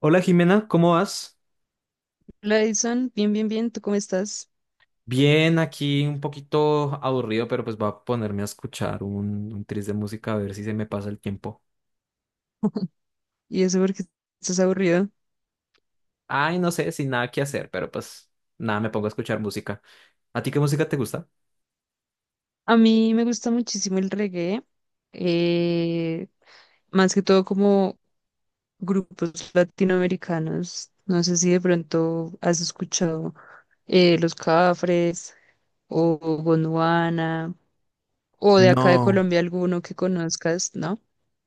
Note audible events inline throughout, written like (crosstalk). Hola Jimena, ¿cómo vas? Hola Edison, bien, bien, bien, ¿tú cómo estás? Bien, aquí un poquito aburrido, pero pues voy a ponerme a escuchar un tris de música a ver si se me pasa el tiempo. (laughs) ¿Y eso porque estás aburrido? Ay, no sé, sin nada que hacer, pero pues nada, me pongo a escuchar música. ¿A ti qué música te gusta? A mí me gusta muchísimo el reggae, eh, más que todo como grupos latinoamericanos. No sé si de pronto has escuchado Los Cafres o Gondwana o de acá de No. Colombia alguno que conozcas, ¿no?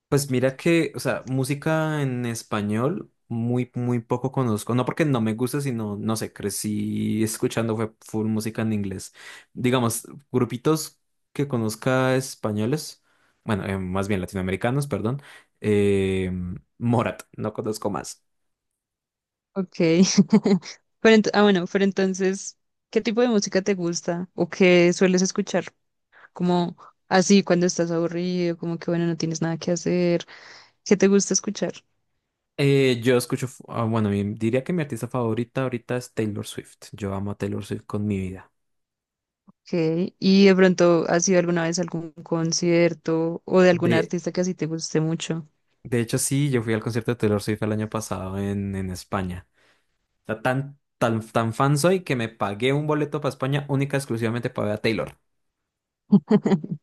Pues mira que, o sea, música en español muy, muy poco conozco. No porque no me gusta, sino, no sé, crecí escuchando fue full música en inglés. Digamos, grupitos que conozca españoles, bueno, más bien latinoamericanos, perdón. eh, Morat, no conozco más. Ok. (laughs) Pero ah, bueno, pero entonces, ¿qué tipo de música te gusta o qué sueles escuchar? Como así cuando estás aburrido, como que bueno, no tienes nada que hacer, ¿qué te gusta escuchar? Yo escucho, ah, bueno, diría que mi artista favorita ahorita es Taylor Swift. Yo amo a Taylor Swift con mi vida. Okay. ¿Y de pronto has ido alguna vez a algún concierto o de algún De, artista que así te guste mucho? de hecho, sí, yo fui al concierto de Taylor Swift el año pasado en España. Sea, tan, tan, tan fan soy que me pagué un boleto para España única y exclusivamente para ver a Taylor. (laughs)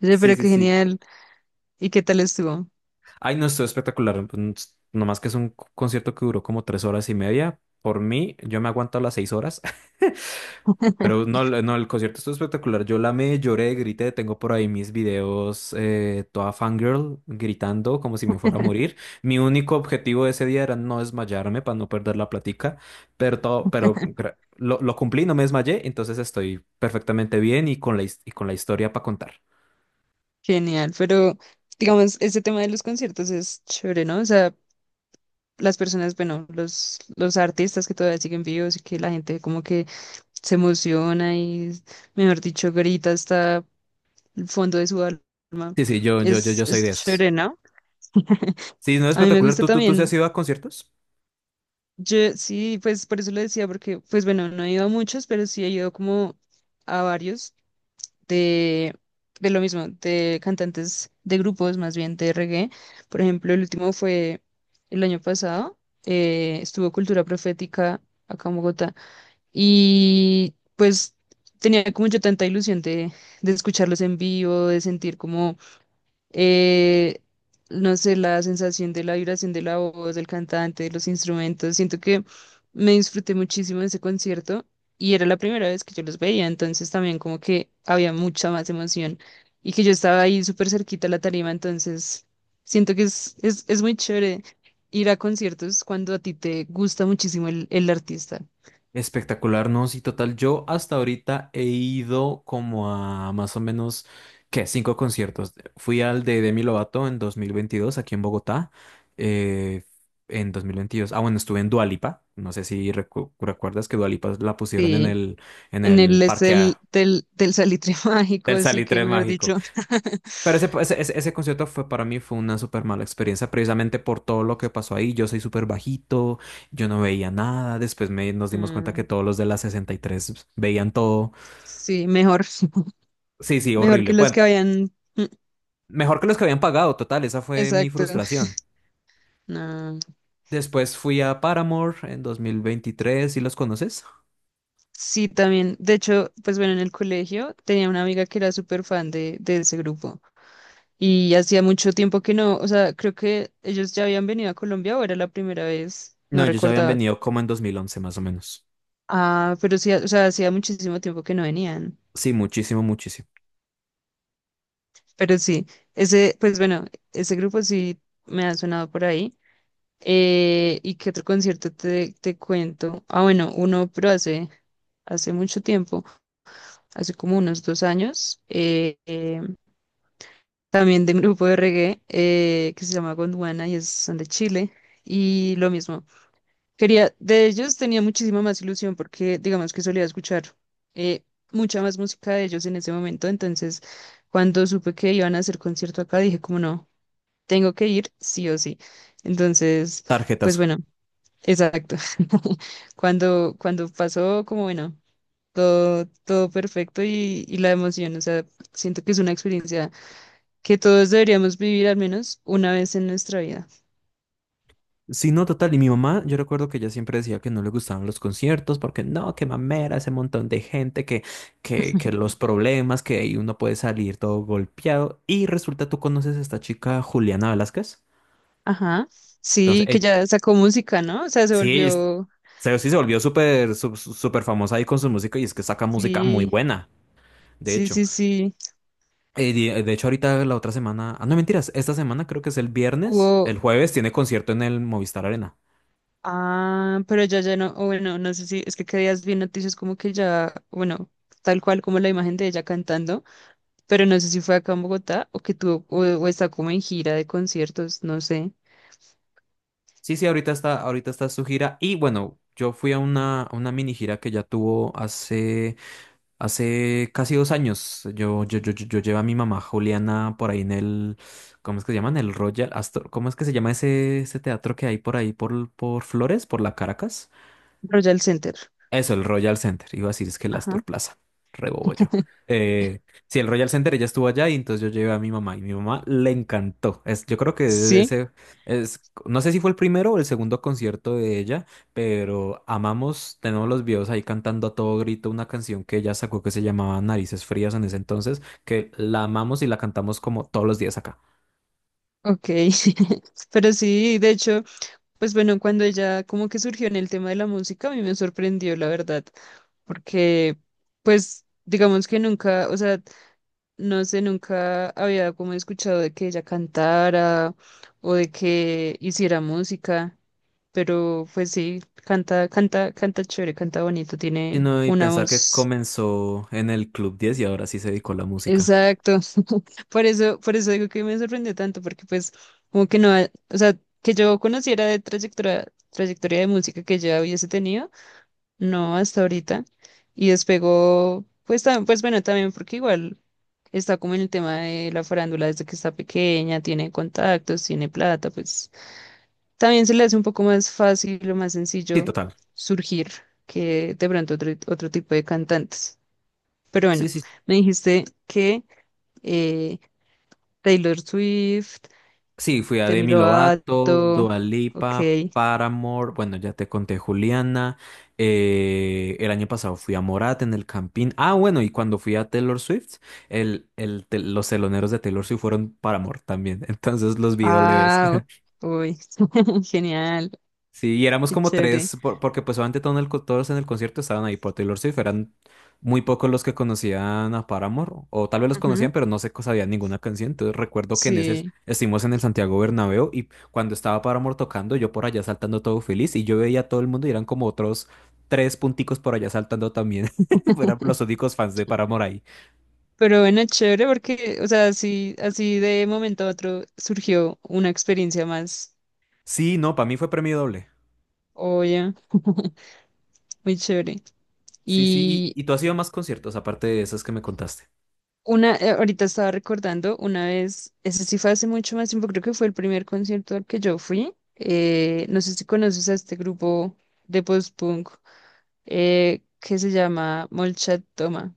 Oye, Sí, pero sí, qué sí. genial. ¿Y qué tal estuvo? Ay, no, estuvo espectacular. Pues, nomás que es un concierto que duró como 3 horas y media. Por mí, yo me aguanto las 6 horas. Pero (laughs) no, no, el concierto estuvo espectacular. Yo la me lloré, grité. Tengo por ahí mis videos, toda fangirl, gritando como si me fuera a morir. Mi único objetivo ese día era no desmayarme para no perder la platica. Pero todo, pero lo cumplí, no me desmayé. Entonces estoy perfectamente bien y con la historia para contar. Genial, pero digamos, este tema de los conciertos es chévere, ¿no? O sea, las personas, bueno, los artistas que todavía siguen vivos y que la gente como que se emociona y, mejor dicho, grita hasta fondo de su alma. Sí, sí, yo, yo, yo, Es, yo soy de es chévere, esos. ¿no? Sí, no es A mí me espectacular. gusta ¿Tú sí también. has ido a conciertos? Yo sí, pues por eso lo decía, porque, pues bueno, no he ido a muchos, pero sí he ido como a varios de, de lo mismo, de cantantes de grupos, más bien de reggae. Por ejemplo, el último fue el año pasado, estuvo Cultura Profética acá en Bogotá. Y pues tenía como yo tanta ilusión de escucharlos en vivo, de sentir como eh, no sé, la sensación de la vibración de la voz, del cantante, de los instrumentos. Siento que me disfruté muchísimo de ese concierto y era la primera vez que yo los veía, entonces también como que había mucha más emoción y que yo estaba ahí súper cerquita a la tarima, entonces siento que es muy chévere ir a conciertos cuando a ti te gusta muchísimo el artista. Espectacular, no, sí, total. Yo hasta ahorita he ido como a más o menos, ¿qué? Cinco conciertos. Fui al de Demi Lovato en 2022 aquí en Bogotá. Eh, en 2022 Ah, bueno, estuve en Dua Lipa. No sé si recuerdas que Dua Lipa la pusieron en Sí. el, en En el el es del, del, del Salitre (laughs) Mágico, del así que Salitre mejor Mágico. dicho, Pero ese concierto fue para mí fue una súper mala experiencia, precisamente por todo lo que pasó ahí. Yo soy súper bajito, yo no veía nada. Después nos (laughs) dimos cuenta que mm, todos los de la 63 veían todo. sí, mejor. (laughs) Sí, sí, Mejor horrible. que los que Bueno, habían. Mm. mejor que los que habían pagado, total, esa fue mi Exacto. frustración. No. Después fui a Paramore en 2023. ¿Sí los conoces? Sí, también. De hecho, pues bueno, en el colegio tenía una amiga que era súper fan de ese grupo. Y hacía mucho tiempo que no. O sea, creo que ellos ya habían venido a Colombia o era la primera vez. No, No ellos ya habían recordaba. venido como en 2011 más o menos. Ah, pero sí, o sea, hacía muchísimo tiempo que no venían. Sí, muchísimo, muchísimo. Pero sí, ese, pues bueno, ese grupo sí me ha sonado por ahí. ¿Y qué otro concierto te, te cuento? Ah, bueno, uno, pero hace, hace mucho tiempo. Hace como unos dos años, también de un grupo de reggae que se llama Gondwana y es, son de Chile. Y lo mismo, quería, de ellos tenía muchísima más ilusión porque digamos que solía escuchar eh, mucha más música de ellos en ese momento. Entonces, cuando supe que iban a hacer concierto acá, dije como no, tengo que ir sí o sí. Entonces, pues Tarjetas. bueno, exacto. (laughs) Cuando pasó, como bueno todo, todo perfecto y la emoción, o sea, siento que es una experiencia que todos deberíamos vivir al menos una vez en nuestra vida. Sí, no, total. Y mi mamá, yo recuerdo que ella siempre decía que no le gustaban los conciertos porque no, qué mamera, ese montón de gente, que los problemas, que ahí uno puede salir todo golpeado. Y resulta, tú conoces a esta chica Juliana Velázquez. Ajá, Entonces, sí, que ya sacó música, ¿no? O sea, se sí, volvió, se volvió súper, súper famosa ahí con su música y es que saca música muy sí, buena, de sí, hecho. sí, sí, De hecho, ahorita la otra semana, ah, no mentiras, esta semana creo que es el viernes, hubo, el jueves tiene concierto en el Movistar Arena. ah, pero ya, ya no, o bueno, no sé si, es que qué días vi noticias como que ya, bueno, tal cual como la imagen de ella cantando, pero no sé si fue acá en Bogotá o que tuvo, o está como en gira de conciertos, no sé, Sí, sí, ahorita está su gira. Y bueno, yo fui a una, mini gira que ya tuvo hace casi 2 años. Yo llevé a mi mamá Juliana por ahí en el, ¿cómo es que se llaman? El Royal Astor, ¿cómo es que se llama ese teatro que hay por ahí por Flores, por la Caracas? Royal Center. Eso, el Royal Center. Iba a decir es que el Ajá. Astor Plaza. Rebobo yo. Eh, sí, el Royal Center, ella estuvo allá y entonces yo llevé a mi mamá y mi mamá le encantó. Yo creo que Sí. No sé si fue el primero o el segundo concierto de ella, pero amamos, tenemos los videos ahí cantando a todo grito una canción que ella sacó que se llamaba Narices Frías en ese entonces, que la amamos y la cantamos como todos los días acá. Ok. (laughs) Pero sí, de hecho, pues bueno, cuando ella como que surgió en el tema de la música, a mí me sorprendió, la verdad, porque pues digamos que nunca, o sea, no sé, nunca había como escuchado de que ella cantara o de que hiciera música, pero pues sí, canta, canta, canta chévere, canta bonito, tiene Sino y una pensar que voz. comenzó en el Club 10 y ahora sí se dedicó a la música. Exacto. Por eso digo que me sorprendió tanto, porque pues como que no, ha- o sea, que yo conociera de trayectoria, trayectoria de música que ya hubiese tenido, no hasta ahorita. Y despegó, pues también, pues bueno, también porque igual está como en el tema de la farándula desde que está pequeña, tiene contactos, tiene plata, pues también se le hace un poco más fácil o más Sí, sencillo total. surgir que de pronto otro, otro tipo de cantantes. Pero Sí, bueno, sí. me dijiste que eh, Taylor Swift. Sí, fui a Demi Demi Lovato, Lovato, Dua ok. Lipa, Paramore, bueno, ya te conté Juliana, el año pasado fui a Morat en el Campín, ah, bueno, y cuando fui a Taylor Swift, los teloneros de Taylor Swift fueron Paramore también, (laughs) entonces los vi doble vez. Ah, uy, (laughs) genial, Sí, y éramos qué como chévere. tres, porque pues obviamente todos en el concierto estaban ahí por Taylor Swift, eran muy pocos los que conocían a Paramore, o tal vez los Ujú. conocían, pero no sabían ninguna canción, entonces recuerdo que Sí, estuvimos en el Santiago Bernabéu y cuando estaba Paramore tocando, yo por allá saltando todo feliz y yo veía a todo el mundo y eran como otros tres punticos por allá saltando también, (laughs) eran los (laughs) únicos fans de Paramore ahí. pero bueno, chévere porque, o sea, así, así de momento a otro surgió una experiencia más, Sí, no, para mí fue premio doble. oye, (laughs) muy chévere. Sí, sí, Y y tú has ido a más conciertos aparte de esos que me contaste. una, ahorita estaba recordando una vez, ese sí fue hace mucho más tiempo, creo que fue el primer concierto al que yo fui. No sé si conoces a este grupo de post-punk. Que se llama Molchat Toma.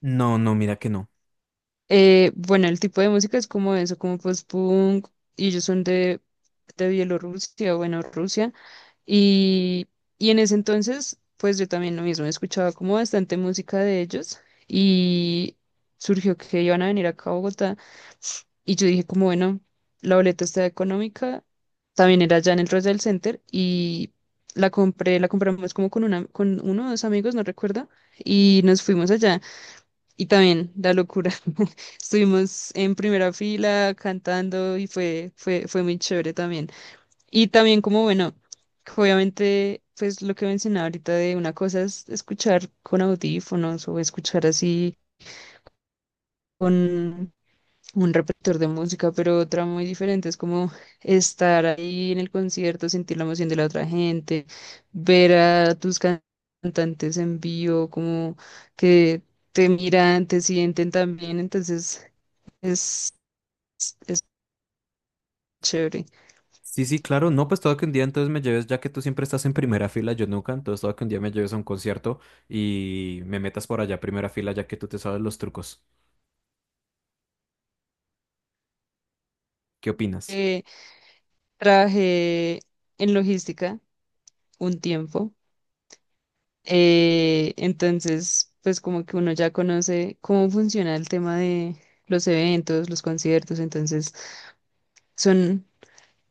No, no, mira que no. Bueno, el tipo de música es como eso, como post-punk, y ellos son de Bielorrusia, bueno, Rusia, y, y en ese entonces, pues yo también lo mismo, escuchaba como bastante música de ellos, y surgió que iban a venir acá a Bogotá, y yo dije como, bueno, la boleta está económica, también era allá en el Royal Center, y la compré, la compramos como con una, con uno o dos amigos, no recuerdo, y nos fuimos allá. Y también la locura. (laughs) Estuvimos en primera fila cantando y fue muy chévere también. Y también como, bueno, obviamente, pues lo que mencionaba ahorita de una cosa es escuchar con audífonos o escuchar así con un repertor de música, pero otra muy diferente es como estar ahí en el concierto, sentir la emoción de la otra gente, ver a tus can- cantantes en vivo, como que te miran, te sienten también, entonces es, es chévere. Sí, sí, claro. No, pues todo que un día entonces me lleves, ya que tú siempre estás en primera fila, yo nunca, entonces todo que un día me lleves a un concierto y me metas por allá a primera fila, ya que tú te sabes los trucos. ¿Qué opinas? Eh, trabajé en logística un tiempo, entonces pues como que uno ya conoce cómo funciona el tema de los eventos, los conciertos, entonces son,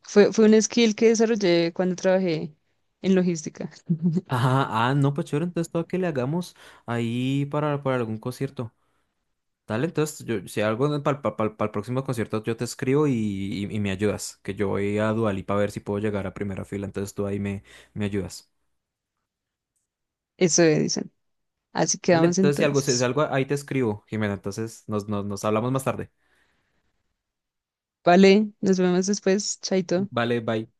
fue, fue un skill que desarrollé cuando trabajé en logística, Ah, ah, no, pues chévere, entonces todo que le hagamos ahí para algún concierto. Dale, entonces yo, si algo para el próximo concierto yo te escribo y me ayudas, que yo voy a Dualipa a ver si puedo llegar a primera fila, entonces tú ahí me ayudas. eso dicen. Así Dale, quedamos entonces si algo, si si entonces. algo ahí te escribo, Jimena, entonces nos hablamos más tarde. Vale, nos vemos después, chaito. Vale, bye.